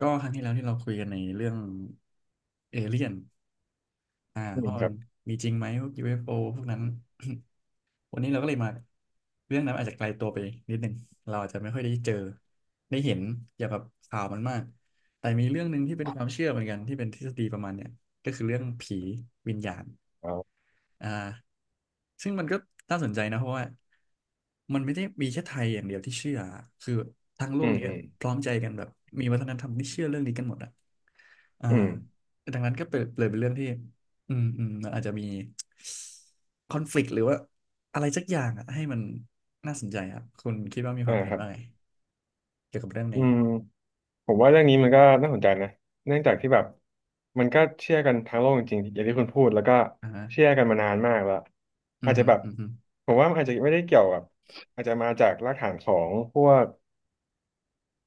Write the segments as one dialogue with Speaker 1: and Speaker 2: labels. Speaker 1: ก็ครั้งที่แล้วที่เราคุยกันในเรื่องเอเลี่ยน
Speaker 2: อืม
Speaker 1: ว่า
Speaker 2: ค
Speaker 1: มั
Speaker 2: รั
Speaker 1: น
Speaker 2: บ
Speaker 1: มีจริงไหมพวก UFO พวกนั้น วันนี้เราก็เลยมาเรื่องนั้นอาจจะไกลตัวไปนิดนึง เราอาจจะไม่ค่อยได้เจอได้เห็นอย่าแบบข่าวมันมาก แต่มีเรื่องหนึ่งที่เป็นความเชื่อเหมือนกันที่เป็นทฤษฎีประมาณเนี้ยก็คือเรื่องผีวิญญาณ
Speaker 2: อ๋อ
Speaker 1: อ่าซึ่งมันก็น่าสนใจนะเพราะว่ามันไม่ได้มีแค่ไทยอย่างเดียวที่เชื่อคือทั้งโล
Speaker 2: อื
Speaker 1: ก
Speaker 2: ม
Speaker 1: เนี้ย
Speaker 2: อืม
Speaker 1: พร้อมใจกันแบบมีวัฒนธรรมที่เชื่อเรื่องนี้กันหมดอ่ะอ่า
Speaker 2: อืม
Speaker 1: ดังนั้นก็เปิดเลยเป็นเรื่องที่มันอาจจะมีคอนฟ lict หรือว่าอะไรสักอย่างอ่ะให้มันน่าสนใจครับคุณคิดว่ามีค
Speaker 2: อ่า
Speaker 1: วามเห็
Speaker 2: ค
Speaker 1: น
Speaker 2: รับ
Speaker 1: ว่าไงเกี่ยวกับเรื่อง
Speaker 2: อื
Speaker 1: นี้
Speaker 2: มผมว่าเรื่องนี้มันก็น่าสนใจนะเนื่องจากที่แบบมันก็เชื่อกันทั้งโลกจริงๆอย่างที่คุณพูดแล้วก็
Speaker 1: อ่าฮะ
Speaker 2: เชื่อกันมานานมากแล้ว
Speaker 1: อื
Speaker 2: อา
Speaker 1: ม
Speaker 2: จจะ
Speaker 1: ฮึ
Speaker 2: แบบ
Speaker 1: อืมฮึ
Speaker 2: ผมว่ามันอาจจะไม่ได้เกี่ยวกับอาจจะมาจากรากฐานของพวก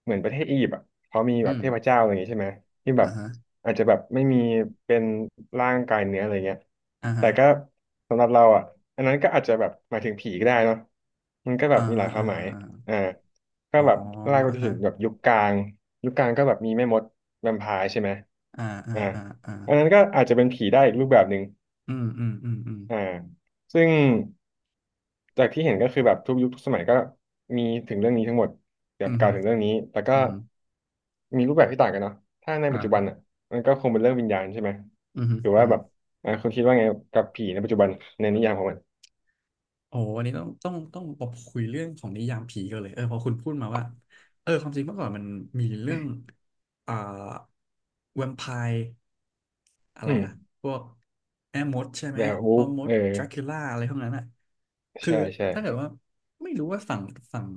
Speaker 2: เหมือนประเทศอียิปต์อ่ะเขามีแบ
Speaker 1: อื
Speaker 2: บ
Speaker 1: ม
Speaker 2: เทพเจ้าอะไรอย่างงี้ใช่ไหมที่แบ
Speaker 1: อ่า
Speaker 2: บ
Speaker 1: ฮะ
Speaker 2: อาจจะแบบไม่มีเป็นร่างกายเนื้ออะไรเงี้ย
Speaker 1: อ่า
Speaker 2: แต่
Speaker 1: ฮะ
Speaker 2: ก็สำหรับเราอ่ะอันนั้นก็อาจจะแบบหมายถึงผีก็ได้เนาะมันก็แบ
Speaker 1: อ่า
Speaker 2: บมีห
Speaker 1: ฮะ
Speaker 2: ลายควา
Speaker 1: อ่า
Speaker 2: มหมา
Speaker 1: ฮะ
Speaker 2: ย
Speaker 1: อา
Speaker 2: อ่าก็
Speaker 1: อ๋อ
Speaker 2: แบบไล่ไป
Speaker 1: อ่า
Speaker 2: จน
Speaker 1: ฮะ
Speaker 2: ถึงแบบยุคกลางยุคกลางก็แบบมีแม่มดแวมไพร์ใช่ไหม
Speaker 1: อ่าอ่า
Speaker 2: อ่า
Speaker 1: อ่าอ่า
Speaker 2: อันนั้นก็อาจจะเป็นผีได้อีกรูปแบบหนึ่ง
Speaker 1: อืมอืมอืมอืม
Speaker 2: อ่าซึ่ง จากที่เห็นก็คือแบบทุกยุคทุกสมัยก็มีถึงเรื่องนี้ทั้งหมดแบ
Speaker 1: อื
Speaker 2: บ
Speaker 1: ม
Speaker 2: กล่าวถึงเรื่องนี้ แต่ก็
Speaker 1: อืม
Speaker 2: มีรูปแบบที่ต่างกันเนาะถ้าในปัจจุบันอ่ะ
Speaker 1: อ่า
Speaker 2: มันก็คงเป็นเรื่องวิญญาณใช่ไหม
Speaker 1: อืม
Speaker 2: หรือ
Speaker 1: อื
Speaker 2: ว่า
Speaker 1: ม
Speaker 2: แบบอ่าคุณคิดว่าไงกับผีในปัจจุบันในนิยามของมัน
Speaker 1: โอ้วันนี้ต้องมาคุยเรื่องของนิยามผีกันเลยเออพอคุณพูดมาว่าเออความจริงเมื่อก่อนมันมีเรื่องอ่าแวมไพร์ อะไร
Speaker 2: อื
Speaker 1: อะ
Speaker 2: ม
Speaker 1: พวกแม่มดใช่ไหม
Speaker 2: แบบวู
Speaker 1: พ่อ
Speaker 2: ฟ
Speaker 1: มด
Speaker 2: เออ
Speaker 1: ดรากูล่าอะไรพวกนั้นอะคือ
Speaker 2: ใช่ใช่
Speaker 1: ถ้าเกิดว่าไม่รู้ว่าฝั่ง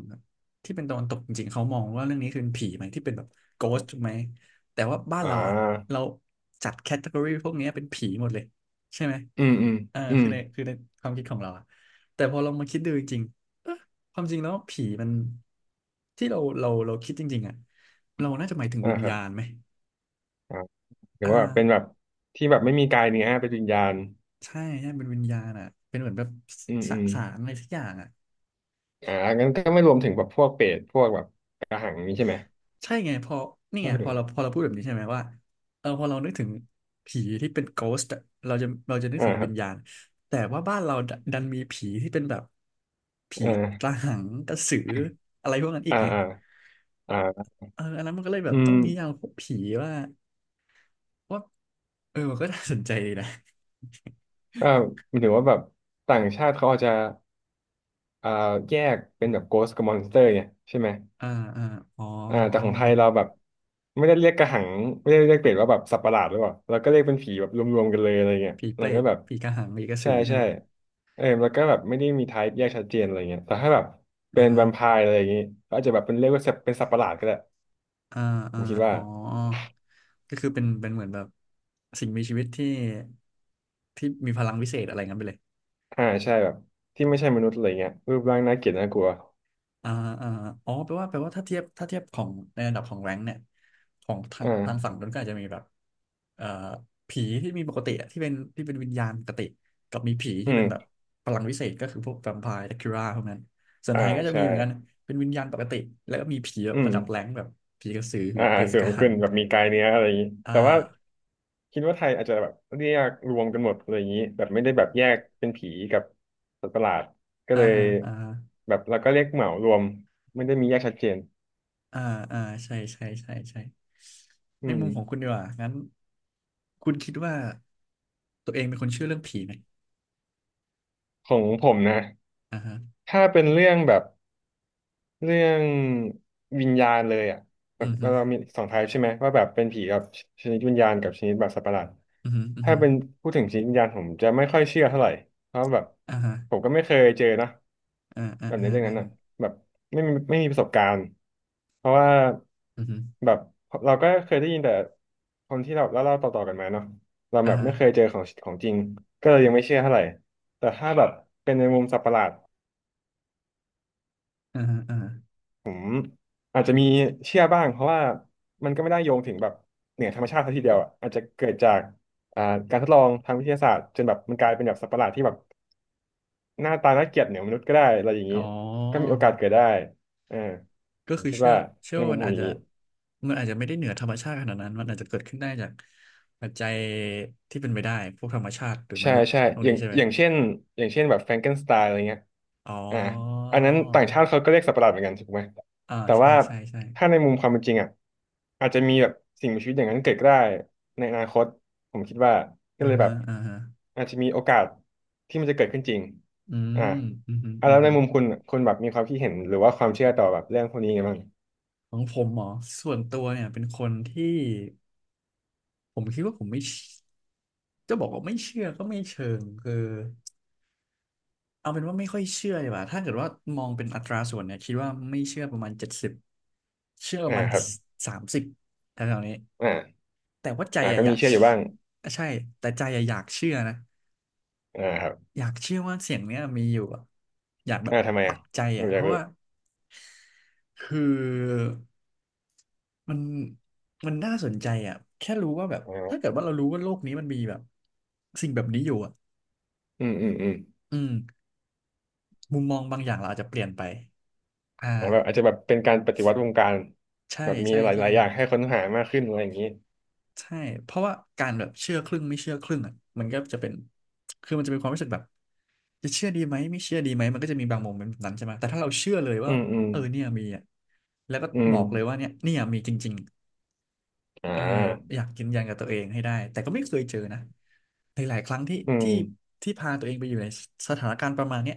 Speaker 1: ที่เป็นตะวันตกจริงๆเขามองว่าเรื่องนี้คือผีไหมที่เป็นแบบโกสถูกไหมแต่ว่าบ้าน
Speaker 2: อ่
Speaker 1: เราอะ
Speaker 2: า
Speaker 1: เราจัดแคตตากรีพวกเนี้ยเป็นผีหมดเลยใช่ไหม
Speaker 2: อืมอืม
Speaker 1: เออ
Speaker 2: อืม
Speaker 1: คือในความคิดของเราอะแต่พอลองมาคิดดูจริงๆเอ๊ะความจริงแล้วผีมันที่เราคิดจริงๆอะเราน่าจะหมายถึง
Speaker 2: อ่า
Speaker 1: วิญ
Speaker 2: ครับ
Speaker 1: ญาณไหม
Speaker 2: อ่าหรื
Speaker 1: อ่
Speaker 2: อว่าเป็นแบ
Speaker 1: า
Speaker 2: บที่แบบไม่มีกายเนื้อเป็นวิญญาณ
Speaker 1: ใช่ใช่เป็นวิญญาณอ่ะเป็นเหมือนแบบ
Speaker 2: อืม
Speaker 1: ส
Speaker 2: อืม
Speaker 1: สารอะไรสักอย่างอ่ะ
Speaker 2: อ่างั้นก็ไม่รวมถึงแบบพวกเปรตพวกแบบกระหังนี้ใช่ไหม
Speaker 1: ใช่ไงพอนี่
Speaker 2: ถ้า
Speaker 1: ไง
Speaker 2: พูด
Speaker 1: พอ
Speaker 2: ถึง
Speaker 1: เราพอเราพูดแบบนี้ใช่ไหมว่าเออพอเรานึกถึงผีที่เป็น ghost อะเราจะนึก
Speaker 2: อ่า
Speaker 1: ถึง
Speaker 2: ครั
Speaker 1: วิ
Speaker 2: บ
Speaker 1: ญญาณแต่ว่าบ้านเราดดันมีผีที่เป็นแบบ
Speaker 2: อ
Speaker 1: ผีก
Speaker 2: ่า
Speaker 1: ระหังกระสืออะไรพวกนั้นอีก
Speaker 2: อ่า
Speaker 1: ไง
Speaker 2: อ่าอ่า
Speaker 1: เอออันนั้นมันก็เลยแบ
Speaker 2: อื
Speaker 1: บต้
Speaker 2: ม
Speaker 1: องนิยามพวกผีว่าว่าเออมันก็น่าสนใจดีนะ
Speaker 2: ก็หมายถึงว่าแบบต่างชาติเขาอาจจะอ่าแยกเป็นแบบ Ghost กับ Monster เนี่ยใช่ไหม
Speaker 1: อ่าอ่าอ๋อ
Speaker 2: อ่าแต่ของไทยเราแบบไม่ได้เรียกกระหังไม่ได้เรียกเปรตว่าแบบสัตว์ประหลาดหรือเปล่าเราก็เรียกเป็นผีแบบรวมๆกันเลยอะไรเงี้ย
Speaker 1: ผีเป
Speaker 2: เรา
Speaker 1: ร
Speaker 2: ก็
Speaker 1: ต
Speaker 2: แบบ
Speaker 1: ผีกระหังผีกระสื
Speaker 2: ใช่
Speaker 1: อใช่
Speaker 2: ใช่
Speaker 1: ไหม
Speaker 2: เออแล้วก็แบบไม่ได้มีไทป์แยกชัดเจนอะไรเงี้ยแต่ถ้าแบบ
Speaker 1: อ่า
Speaker 2: เป็น
Speaker 1: ฮะ
Speaker 2: แวมไพร์อะไรอย่างงี้ก็อาจจะแบบเป็นเรียกว่าสัตว์เป็นสัตว์ประหลาดก็ได้
Speaker 1: อ่า
Speaker 2: ผ
Speaker 1: อ่า
Speaker 2: มคิดว่า
Speaker 1: อ๋อ ก็คือเป็นเหมือนแบบสิ่งมีชีวิตที่มีพลังวิเศษอะไรงั้นไปเลย
Speaker 2: อ่าใช่แบบที่ไม่ใช่มนุษย์อะไรเงี้ยรูปร่างน่าเกลียดน่ากลัว
Speaker 1: อ่าอ่าอ๋อแปลว่าถ้าเทียบของในระดับของแรงค์เนี่ยของทางฝั่
Speaker 2: อ่า
Speaker 1: งนั้นก็อาจจะมีแบบเอ่อผีที่มีปกติอะที่เป็นวิญญาณปกติกับมีผี
Speaker 2: อื
Speaker 1: ที่เป็นแบบ
Speaker 2: ม
Speaker 1: พลังวิเศษก็คือพวกแวมไพร์ดักคิราพวกนั้นส่วน
Speaker 2: อ่า
Speaker 1: ไทยก็จะมี
Speaker 2: ใช่
Speaker 1: เหมือนกันเป็นวิญญาณปกติแล้วก็มีผีแบ
Speaker 2: อื
Speaker 1: บ
Speaker 2: ม
Speaker 1: ระดับแรงค์แบบผีกระสือผี
Speaker 2: อ่า
Speaker 1: เปรต
Speaker 2: สู
Speaker 1: กระ
Speaker 2: ง
Speaker 1: หั
Speaker 2: ขึ้
Speaker 1: ง
Speaker 2: นแบบมีกายเนื้ออะไรอย่างนี้
Speaker 1: อ่า
Speaker 2: แต่ว่าคิดว่าไทยอาจจะแบบเรียกรวมกันหมดอะไรอย่างนี้แบบไม่ได้แบบแยกเป็นผีกับสัตว์ประหลาดก็
Speaker 1: อ่า
Speaker 2: เลย
Speaker 1: ฮะอ่าฮะ
Speaker 2: แบบเราก็เรียกเหมารวมไม่ได้มีแยกชัดเจน
Speaker 1: อ่าอ่าใช่ใช่ใช่ใช่
Speaker 2: อื
Speaker 1: ใน
Speaker 2: ม
Speaker 1: มุมของคุณดีกว่างั้นคุณคิดว่าตัวเองเป็นคนเชื่อเรื่องผีไหม
Speaker 2: ของผมนะ
Speaker 1: อ่าฮะ
Speaker 2: ถ้าเป็นเรื่องแบบ เรื่องวิญญาณเลยอ่ะแบ
Speaker 1: อื
Speaker 2: บ
Speaker 1: มฮึ
Speaker 2: เรามีสองไทป์ใช่ไหมว่าแบบเป็นผีกับชนิดวิญญาณกับชนิดแบบสัตว์ประหลาด
Speaker 1: อืมฮึอืม
Speaker 2: ถ้า
Speaker 1: ฮึ
Speaker 2: เป็นพูดถึงชนิดวิญญาณผมจะไม่ค่อยเชื่อเท่าไหร่เพราะแบบ
Speaker 1: อ่าฮะ
Speaker 2: ผมก็ไม่เคยเจอนะ
Speaker 1: อ่าอ่า
Speaker 2: แบบใน
Speaker 1: อ่า
Speaker 2: เรื่อง
Speaker 1: อ่า
Speaker 2: นั้นอ่ะแบบไม่มีประสบการณ์เพราะว่า
Speaker 1: อืมฮึ
Speaker 2: แบบเราก็เคยได้ยินแต่คนที่เราเล่าๆต่อๆกันมาเนาะเรา
Speaker 1: อ่า
Speaker 2: แบบ
Speaker 1: ฮะ
Speaker 2: ไม่เคยเจอของของจริงก็เลยยังไม่เชื่อเท่าไหร่แต่ถ้าแบบเป็นในมุมสัตว์ประหลาด
Speaker 1: อ่าฮะอ่าฮะ
Speaker 2: อาจจะมีเชื่อบ้างเพราะว่ามันก็ไม่ได้โยงถึงแบบเหนือธรรมชาติซะทีเดียวอะอาจจะเกิดจากอ่าการทดลองทางวิทยาศาสตร์จนแบบมันกลายเป็นแบบสัตว์ประหลาดที่แบบหน้าตาน่าเกลียดเหนือมนุษย์ก็ได้อะไรอย่าง
Speaker 1: อ๋
Speaker 2: นี้
Speaker 1: อ
Speaker 2: ก็มีโอกาสเกิดได้อ่า
Speaker 1: ก็
Speaker 2: ผม
Speaker 1: คือ
Speaker 2: คิด
Speaker 1: เชื่อ
Speaker 2: ว่า
Speaker 1: เชื่อ
Speaker 2: ใน
Speaker 1: ว่า
Speaker 2: มุม
Speaker 1: มัน
Speaker 2: ผม
Speaker 1: อาจ
Speaker 2: อย่าง
Speaker 1: จะ
Speaker 2: นี้
Speaker 1: มันอาจจะไม่ได้เหนือธรรมชาติขนาดนั้นมันอาจจะเกิดขึ้นได้จากปัจจัยที่เป็นไปได้พวกธรรมชาติหรือม
Speaker 2: ใช่
Speaker 1: นุษย์
Speaker 2: ใช่
Speaker 1: ตรง
Speaker 2: อย่า
Speaker 1: นี้
Speaker 2: ง
Speaker 1: ใช่ไหม
Speaker 2: อย่างเช่นอย่างเช่นแบบแฟรงเกนสไตล์อะไรเงี้ย
Speaker 1: อ๋
Speaker 2: อ่า
Speaker 1: อ
Speaker 2: อันนั้นต่างชาติเขาก็เรียกสัตว์ประหลาดเหมือนกันถูกไหม
Speaker 1: อ่า
Speaker 2: แต่
Speaker 1: ใช่
Speaker 2: ว่า
Speaker 1: ใช่ใช่
Speaker 2: ถ้าในมุมความเป็นจริงอ่ะอาจจะมีแบบสิ่งมีชีวิตอย่างนั้นเกิดก็ได้ในอนาคตผมคิดว่าก็
Speaker 1: อ่า
Speaker 2: เลยแบ
Speaker 1: ฮะ
Speaker 2: บ
Speaker 1: อ่าฮะ
Speaker 2: อาจจะมีโอกาสที่มันจะเกิดขึ้นจริง
Speaker 1: อื
Speaker 2: อ่า
Speaker 1: มอืม
Speaker 2: อ่ะ
Speaker 1: อื
Speaker 2: แล้ว
Speaker 1: ม
Speaker 2: ในมุมคุณคุณแบบมีความคิดเห็นหรือว่าความเชื่อต่อแบบเรื่องพวกนี้ไงบ้าง
Speaker 1: ของผมเหรอ ส่วนตัวเนี่ยเป็นคนที่ผมคิดว่าผมไม่เชจะบอกว่าไม่เชื่อก็ไม่เชิงคือเอาเป็นว่าไม่ค่อยเชื่อดีกว่าถ้าเกิดว่ามองเป็นอัตราส่วนเนี่ยคิดว่าไม่เชื่อประมาณ70เชื่อประ
Speaker 2: อ่า
Speaker 1: มาณ
Speaker 2: ครับ
Speaker 1: 30แถวๆนี้
Speaker 2: อ่า
Speaker 1: แต่ว่าใจ
Speaker 2: อ่า
Speaker 1: อะ
Speaker 2: ก็
Speaker 1: อ
Speaker 2: มี
Speaker 1: ยาก
Speaker 2: เชื่ออ
Speaker 1: เชื่
Speaker 2: ยู่
Speaker 1: อ
Speaker 2: บ้าง
Speaker 1: ใช่ แต่ใจอะอยากเชื่อนะ
Speaker 2: อ่าครับ
Speaker 1: อยากเชื่อว่าเสียงเนี้ยมีอยู่อะอยากแบบ
Speaker 2: อ่าทำไม
Speaker 1: ปั
Speaker 2: อ่ะ
Speaker 1: กใจ
Speaker 2: ผ
Speaker 1: อะ
Speaker 2: มอ
Speaker 1: เพ
Speaker 2: ยาก
Speaker 1: ราะ
Speaker 2: รู้
Speaker 1: ว่าคือมันมันน่าสนใจอะแค่รู้ว่าแบบ
Speaker 2: อ่
Speaker 1: ถ้าเกิ
Speaker 2: า
Speaker 1: ดว่าเรารู้ว่าโลกนี้มันมีแบบสิ่งแบบนี้อยู่อะ
Speaker 2: อืมอืมอืม
Speaker 1: อืมมุมมองบางอย่างเราอาจจะเปลี่ยนไปอ่า
Speaker 2: อาแบบอาจจะแบบเป็นการปฏิวัติวงการ
Speaker 1: ใช่
Speaker 2: แบบมี
Speaker 1: ใช่
Speaker 2: ห
Speaker 1: ใช่
Speaker 2: ลายๆอย่างให้ค้นหามากขึ้นอะไรอย่างนี้
Speaker 1: ใช่เพราะว่าการแบบเชื่อครึ่งไม่เชื่อครึ่งอะมันก็จะเป็นคือมันจะเป็นความรู้สึกแบบ จะเชื่อดีไหมไม่เชื่อดีไหมมันก็จะมีบางโมเมนต์แบบนั้นใช่ไหมแต่ถ้าเราเชื่อเลย
Speaker 2: อื
Speaker 1: ว่า
Speaker 2: ม อืม
Speaker 1: เออเนี่ยมีอ่ะแล้วก็
Speaker 2: อื
Speaker 1: บ
Speaker 2: ม
Speaker 1: อกเลยว่าเนี่ยเนี่ยมีจริง
Speaker 2: อ่
Speaker 1: ๆเออ
Speaker 2: า
Speaker 1: อยากยืนยันกับตัวเองให้ได้แต่ก็ไม่เคยเจอนะหลายๆครั้งที่
Speaker 2: อืม
Speaker 1: ที่ที่พาตัวเองไปอยู่ในสถานการณ์ประมาณเนี้ย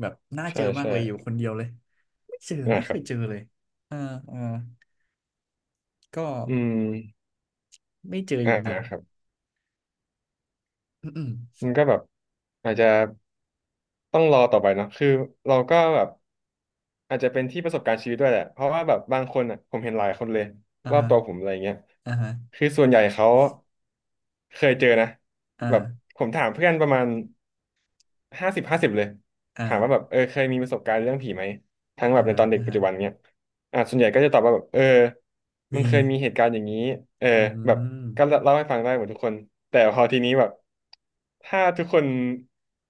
Speaker 1: แบบน่าเจ
Speaker 2: ใช่
Speaker 1: อมาก
Speaker 2: ใช่
Speaker 1: เลยอยู่คนเดียวเลยไม่เจอไม่
Speaker 2: นะค
Speaker 1: เค
Speaker 2: รั
Speaker 1: ย
Speaker 2: บ
Speaker 1: เจอเลยอ่าอ่าก็
Speaker 2: อืม
Speaker 1: ไม่เจอ
Speaker 2: อ่า
Speaker 1: จริง
Speaker 2: ครับ
Speaker 1: ๆอืมอม
Speaker 2: มันก็แบบอาจจะต้องรอต่อไปเนาะคือเราก็แบบ อาจจะเป็นที่ประสบการณ์ชีวิตด้วยแหละ เพราะว่าแบบบางคนอ่ะผมเห็นหลายคนเลย
Speaker 1: อ่า
Speaker 2: รอบ
Speaker 1: ฮะ
Speaker 2: ตัวผมอะไรเงี้ย
Speaker 1: อ่าฮะ
Speaker 2: คือส่วนใหญ่เขาเคยเจอนะแบบ
Speaker 1: อ่า
Speaker 2: ผมถามเพื่อนประมาณ50 50เลยถามว่าแบ
Speaker 1: อ่า
Speaker 2: บเคยมีประสบการณ์เรื่องผีไหมทั้งแบ
Speaker 1: อ่า
Speaker 2: บใน
Speaker 1: ฮะ
Speaker 2: ตอนเด็ก
Speaker 1: อ่า
Speaker 2: ปัจ
Speaker 1: ฮะ
Speaker 2: จุบันเนี้ย อ่ะส่วนใหญ่ก็จะตอบว่าแบบมัน
Speaker 1: มี
Speaker 2: เคยมีเหตุการณ์อย่างนี้เออ
Speaker 1: อื
Speaker 2: แบบ
Speaker 1: ม
Speaker 2: ก็เล่าให้ฟังได้หมดทุกคนแต่พอทีนี้แบบถ้าทุกคน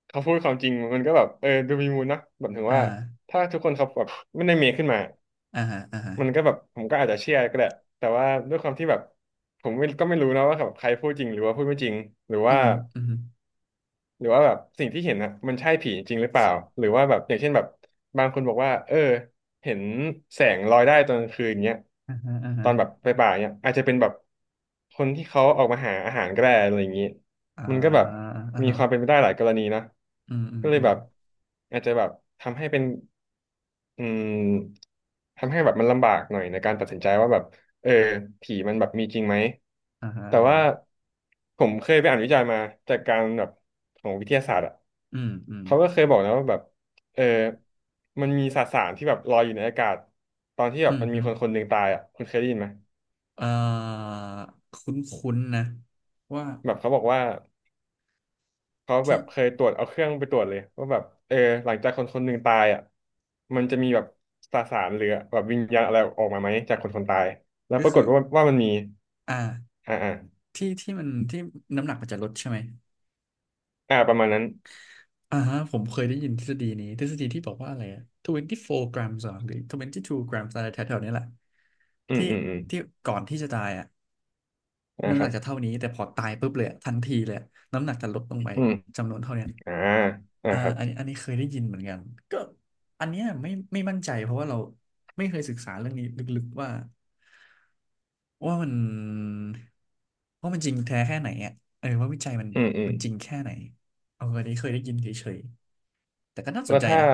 Speaker 2: เขาพูดความจริงมันก็แบบดูมีมูลนะแบบถึง
Speaker 1: อ่า
Speaker 2: ว่าถ้าทุกคนเขาแบบไม่ได้เมคขึ้นมา
Speaker 1: อ่าฮะอ่าฮะ
Speaker 2: มันก็แบบผมก็อาจจะเชื่อก็ได้แต่ว่าด้วยความที่แบบผมไม่รู้นะว่าแบบใครพูดจริงหรือว่าพูดไม่จริงหรือ
Speaker 1: อื
Speaker 2: ว่า
Speaker 1: มอืม
Speaker 2: หรือว่าแบบสิ่งที่เห็นอะมันใช่ผีจริงหรือเปล่าหรือว่าแบบอย่างเช่นแบบบางคนบอกว่าเห็นแสงลอยได้ตอนกลางคืนเงี้ย
Speaker 1: อ่าฮะอ่า
Speaker 2: ต
Speaker 1: ฮะ
Speaker 2: อนแบบไปป่าเงี้ยอาจจะเป็นแบบคนที่เขาออกมาหาอาหารก็ได้อะไรอย่างงี้
Speaker 1: อ่า
Speaker 2: มันก็แบบ
Speaker 1: อ่า
Speaker 2: มี
Speaker 1: ฮะ
Speaker 2: ความเป็นไปได้หลายกรณีนะ
Speaker 1: อืมอืม
Speaker 2: ก็เล
Speaker 1: อื
Speaker 2: ย
Speaker 1: ม
Speaker 2: แบบอาจจะแบบทำให้เป็น อืมทำให้แบบมันลำบากหน่อยในการตัดสินใจว่าแบบเออผีมันแบบมีจริงไหม
Speaker 1: อ่าฮะ
Speaker 2: แต่
Speaker 1: อ่าฮ
Speaker 2: ว่า
Speaker 1: ะ
Speaker 2: ผมเคยไปอ่านวิจัยมาจากการแบบของวิทยาศาสตร์อ่ะ
Speaker 1: อืมอืม
Speaker 2: เขาก็เคยบอกนะว่าแบบเออมันมีสสารที่แบบลอยอยู่ในอากาศตอนที่แบ
Speaker 1: อื
Speaker 2: บ
Speaker 1: ม
Speaker 2: มันมี
Speaker 1: ฮึ
Speaker 2: คนคนหนึ่งตายอ่ะคุณเคยได้ยินไหม
Speaker 1: เอ่อคุ้นคุ้นนะ ว่า
Speaker 2: แบบเขาบอกว่า เขาแบ
Speaker 1: ที่
Speaker 2: บเคยตรวจเอาเครื่องไปตรวจเลยว่าแบบหลังจากคนคนหนึ่งตายอ่ะมันจะมีแบบสสารหรือแบบวิญญาณอะไรออกมาไหมจากคนคนตายแล้ว
Speaker 1: ก็
Speaker 2: ปราก
Speaker 1: คื
Speaker 2: ฏ
Speaker 1: อ
Speaker 2: ว่ามันมี
Speaker 1: อ่า
Speaker 2: อ่าอ่า
Speaker 1: ที่ที่มันที่น้ำหนักมันจะลดใช่ไหม
Speaker 2: อ่าประมาณนั้น
Speaker 1: อ่าฮะผมเคยได้ยินทฤษฎีนี้ทฤษฎีที่บอกว่าอะไรอะ24 grams เหรอหรือ22 grams อะไรแถวๆนี้แหละ
Speaker 2: อืม
Speaker 1: ที่
Speaker 2: อืมอืม
Speaker 1: ที่ ก่อนที่จะตายอ่ะ
Speaker 2: อ่า
Speaker 1: น้ำ
Speaker 2: ค
Speaker 1: หนั
Speaker 2: รั
Speaker 1: ก
Speaker 2: บ
Speaker 1: จะเท่านี้แต่พอตายปุ๊บเลยอะทันทีเลยอะน้ำหนักจะลดลงไป
Speaker 2: อืม
Speaker 1: จำนวนเท่านี้
Speaker 2: อ่าอ่า
Speaker 1: อ่า
Speaker 2: ครับ
Speaker 1: อันนี้เคยได้ยินเหมือนกันก็อันเนี้ยไม่มั่นใจเพราะว่าเราไม่เคยศึกษาเรื่องนี้ลึกๆว่าว่ามันว่ามันจริงแท้แค่ไหนอ่ะเออว่าวิจัย
Speaker 2: อืมอืม
Speaker 1: มันจริงแค่ไหนเอออันนี้เคยได้ยินเฉยๆแต่ก็น่าส
Speaker 2: แล้
Speaker 1: น
Speaker 2: ว
Speaker 1: ใจ
Speaker 2: ถ้า
Speaker 1: นะ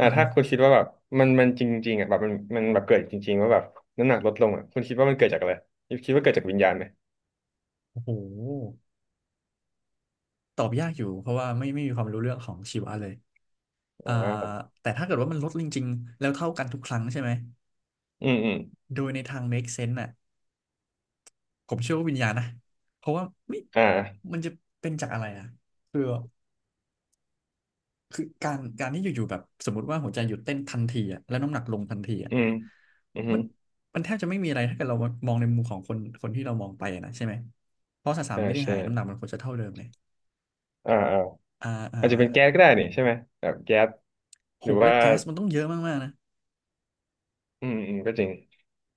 Speaker 1: อื
Speaker 2: า
Speaker 1: อฮึ
Speaker 2: ถ้าคุณคิดว่าแบบมันจริงๆอ่ะแบบมันแบบเกิดจริงๆว่าแบบน้ำหนักลดลงอ่ะคุณคิดว่ามันเกิดจากอะไรคิดว่าเกิดจากวิญญาณไหม
Speaker 1: โอ้โหตอบยากอยู่เพราะว่าไม่มีความรู้เรื่องของชีวะเลย
Speaker 2: อ่
Speaker 1: อ่า
Speaker 2: า
Speaker 1: แต่ถ้าเกิดว่ามันลดจริงๆแล้วเท่ากันทุกครั้งใช่ไหม
Speaker 2: อืมอืม
Speaker 1: โดยในทาง make sense น่ะผมเชื่อว่าวิญญาณนะเพราะว่าไม่
Speaker 2: อ่า
Speaker 1: จะเป็นจากอะไรอ่ะคือคือการที่อยู่ๆแบบสมมติว่าหัวใจหยุดเต้นทันทีอ่ะแล้วน้ำหนักลงทันทีอ่ะ
Speaker 2: อืมอืม
Speaker 1: มันมันแทบจะไม่มีอะไรถ้าเกิดเรามองในมุมของคนคนที่เรามองไปอะนะใช่ไหมเพราะสสาร
Speaker 2: ใช่
Speaker 1: ไม่ได้
Speaker 2: ใช่
Speaker 1: หายน้ำหนักมันควรจะเท่าเดิมเลย
Speaker 2: อ่าอ่า
Speaker 1: อ่าอ่า
Speaker 2: อาจจะเป็นแก๊สก็ได้นี่ใช่ไหมแบบแก๊ส
Speaker 1: โห
Speaker 2: หรือ
Speaker 1: แล้
Speaker 2: ว่า
Speaker 1: วแก๊สมันต้องเยอะมากๆนะ
Speaker 2: อืมอืมก็จริง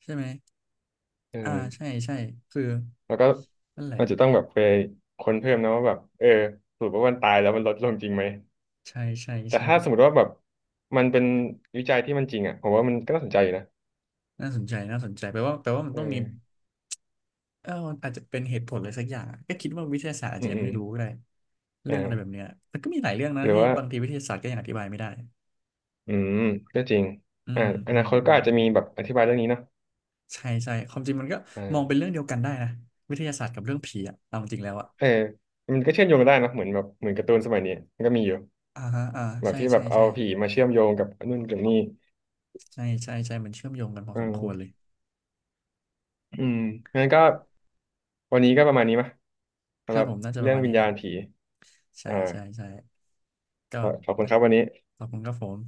Speaker 1: ใช่ไหม
Speaker 2: เอ
Speaker 1: อ่า
Speaker 2: อ
Speaker 1: ใช่ใช่คือ
Speaker 2: แล้วก็
Speaker 1: นั่นแหละ
Speaker 2: มันจะต้องแบบไปค้นเพิ่มนะว่าแบบสรุปว่ามันตายแล้วมันลดลงจริงไหม
Speaker 1: ใช่ใช่
Speaker 2: แต่
Speaker 1: ใช่
Speaker 2: ถ้าสมมติว่าแบบมันเป็นวิจัยที่มันจริงอ่ะผมว่ามันก็น่าสนใจอยู่นะ
Speaker 1: น่าสนใจน่าสนใจแปลว่ามันต้องมี
Speaker 2: เออ
Speaker 1: เออมันอาจจะเป็นเหตุผลอะไรสักอย่างอะก็คิดว่าวิทยาศาสตร์อาจ
Speaker 2: อื
Speaker 1: จะ
Speaker 2: ม
Speaker 1: ยั
Speaker 2: อื
Speaker 1: งไม่
Speaker 2: ม
Speaker 1: รู้ก็ได้
Speaker 2: อ
Speaker 1: เรื่องอะไรแบบ
Speaker 2: ่า
Speaker 1: เนี้ยมันก็มีหลายเรื่องนะ
Speaker 2: หรือ
Speaker 1: ที่
Speaker 2: ว่า
Speaker 1: บางทีวิทยาศาสตร์ก็ยังอธิบายไม่ได้
Speaker 2: อืมก็จริง
Speaker 1: อื
Speaker 2: อ่า
Speaker 1: ม
Speaker 2: อ
Speaker 1: อื
Speaker 2: นา
Speaker 1: ม
Speaker 2: คต
Speaker 1: อื
Speaker 2: ก็
Speaker 1: ม
Speaker 2: อาจจะมีแบบอธิบายเรื่องนี้เนาะ
Speaker 1: ใช่ใช่ความจริงมันก็
Speaker 2: อ่
Speaker 1: มองเป็น
Speaker 2: า
Speaker 1: เรื่องเดียวกันได้นะวิทยาศาสตร์กับเรื่องผีอะเอาจริงแล้วอะ
Speaker 2: เออมันก็เชื่อมโยงกันได้นะเหมือนแบบเหมือนการ์ตูนสมัยนี้มันก็มีอยู่
Speaker 1: อ่าฮะอ่า
Speaker 2: แบบ
Speaker 1: ใช่
Speaker 2: ที่แบ
Speaker 1: ใช่
Speaker 2: บเอา
Speaker 1: ใช่
Speaker 2: ผีมาเชื่อมโยงกับนู่นกับนี่
Speaker 1: ใช่ใช่ใช่มันเชื่อมโยงกันพอ
Speaker 2: อื
Speaker 1: สมควรเลย
Speaker 2: ม อืมงั้นก็วันนี้ก็ประมาณนี้มย
Speaker 1: ค
Speaker 2: สำห
Speaker 1: รับ
Speaker 2: รับ
Speaker 1: ผมน่าจะป
Speaker 2: เรื่
Speaker 1: ระ
Speaker 2: อง
Speaker 1: มาณ
Speaker 2: วิ
Speaker 1: นี้
Speaker 2: ญ
Speaker 1: ค
Speaker 2: ญา
Speaker 1: รั
Speaker 2: ณ
Speaker 1: บ
Speaker 2: ผี
Speaker 1: ใช่
Speaker 2: อ่า
Speaker 1: ใช่ใช่ก็
Speaker 2: ขอบคุณครับวันนี้
Speaker 1: ขอบคุณครับผม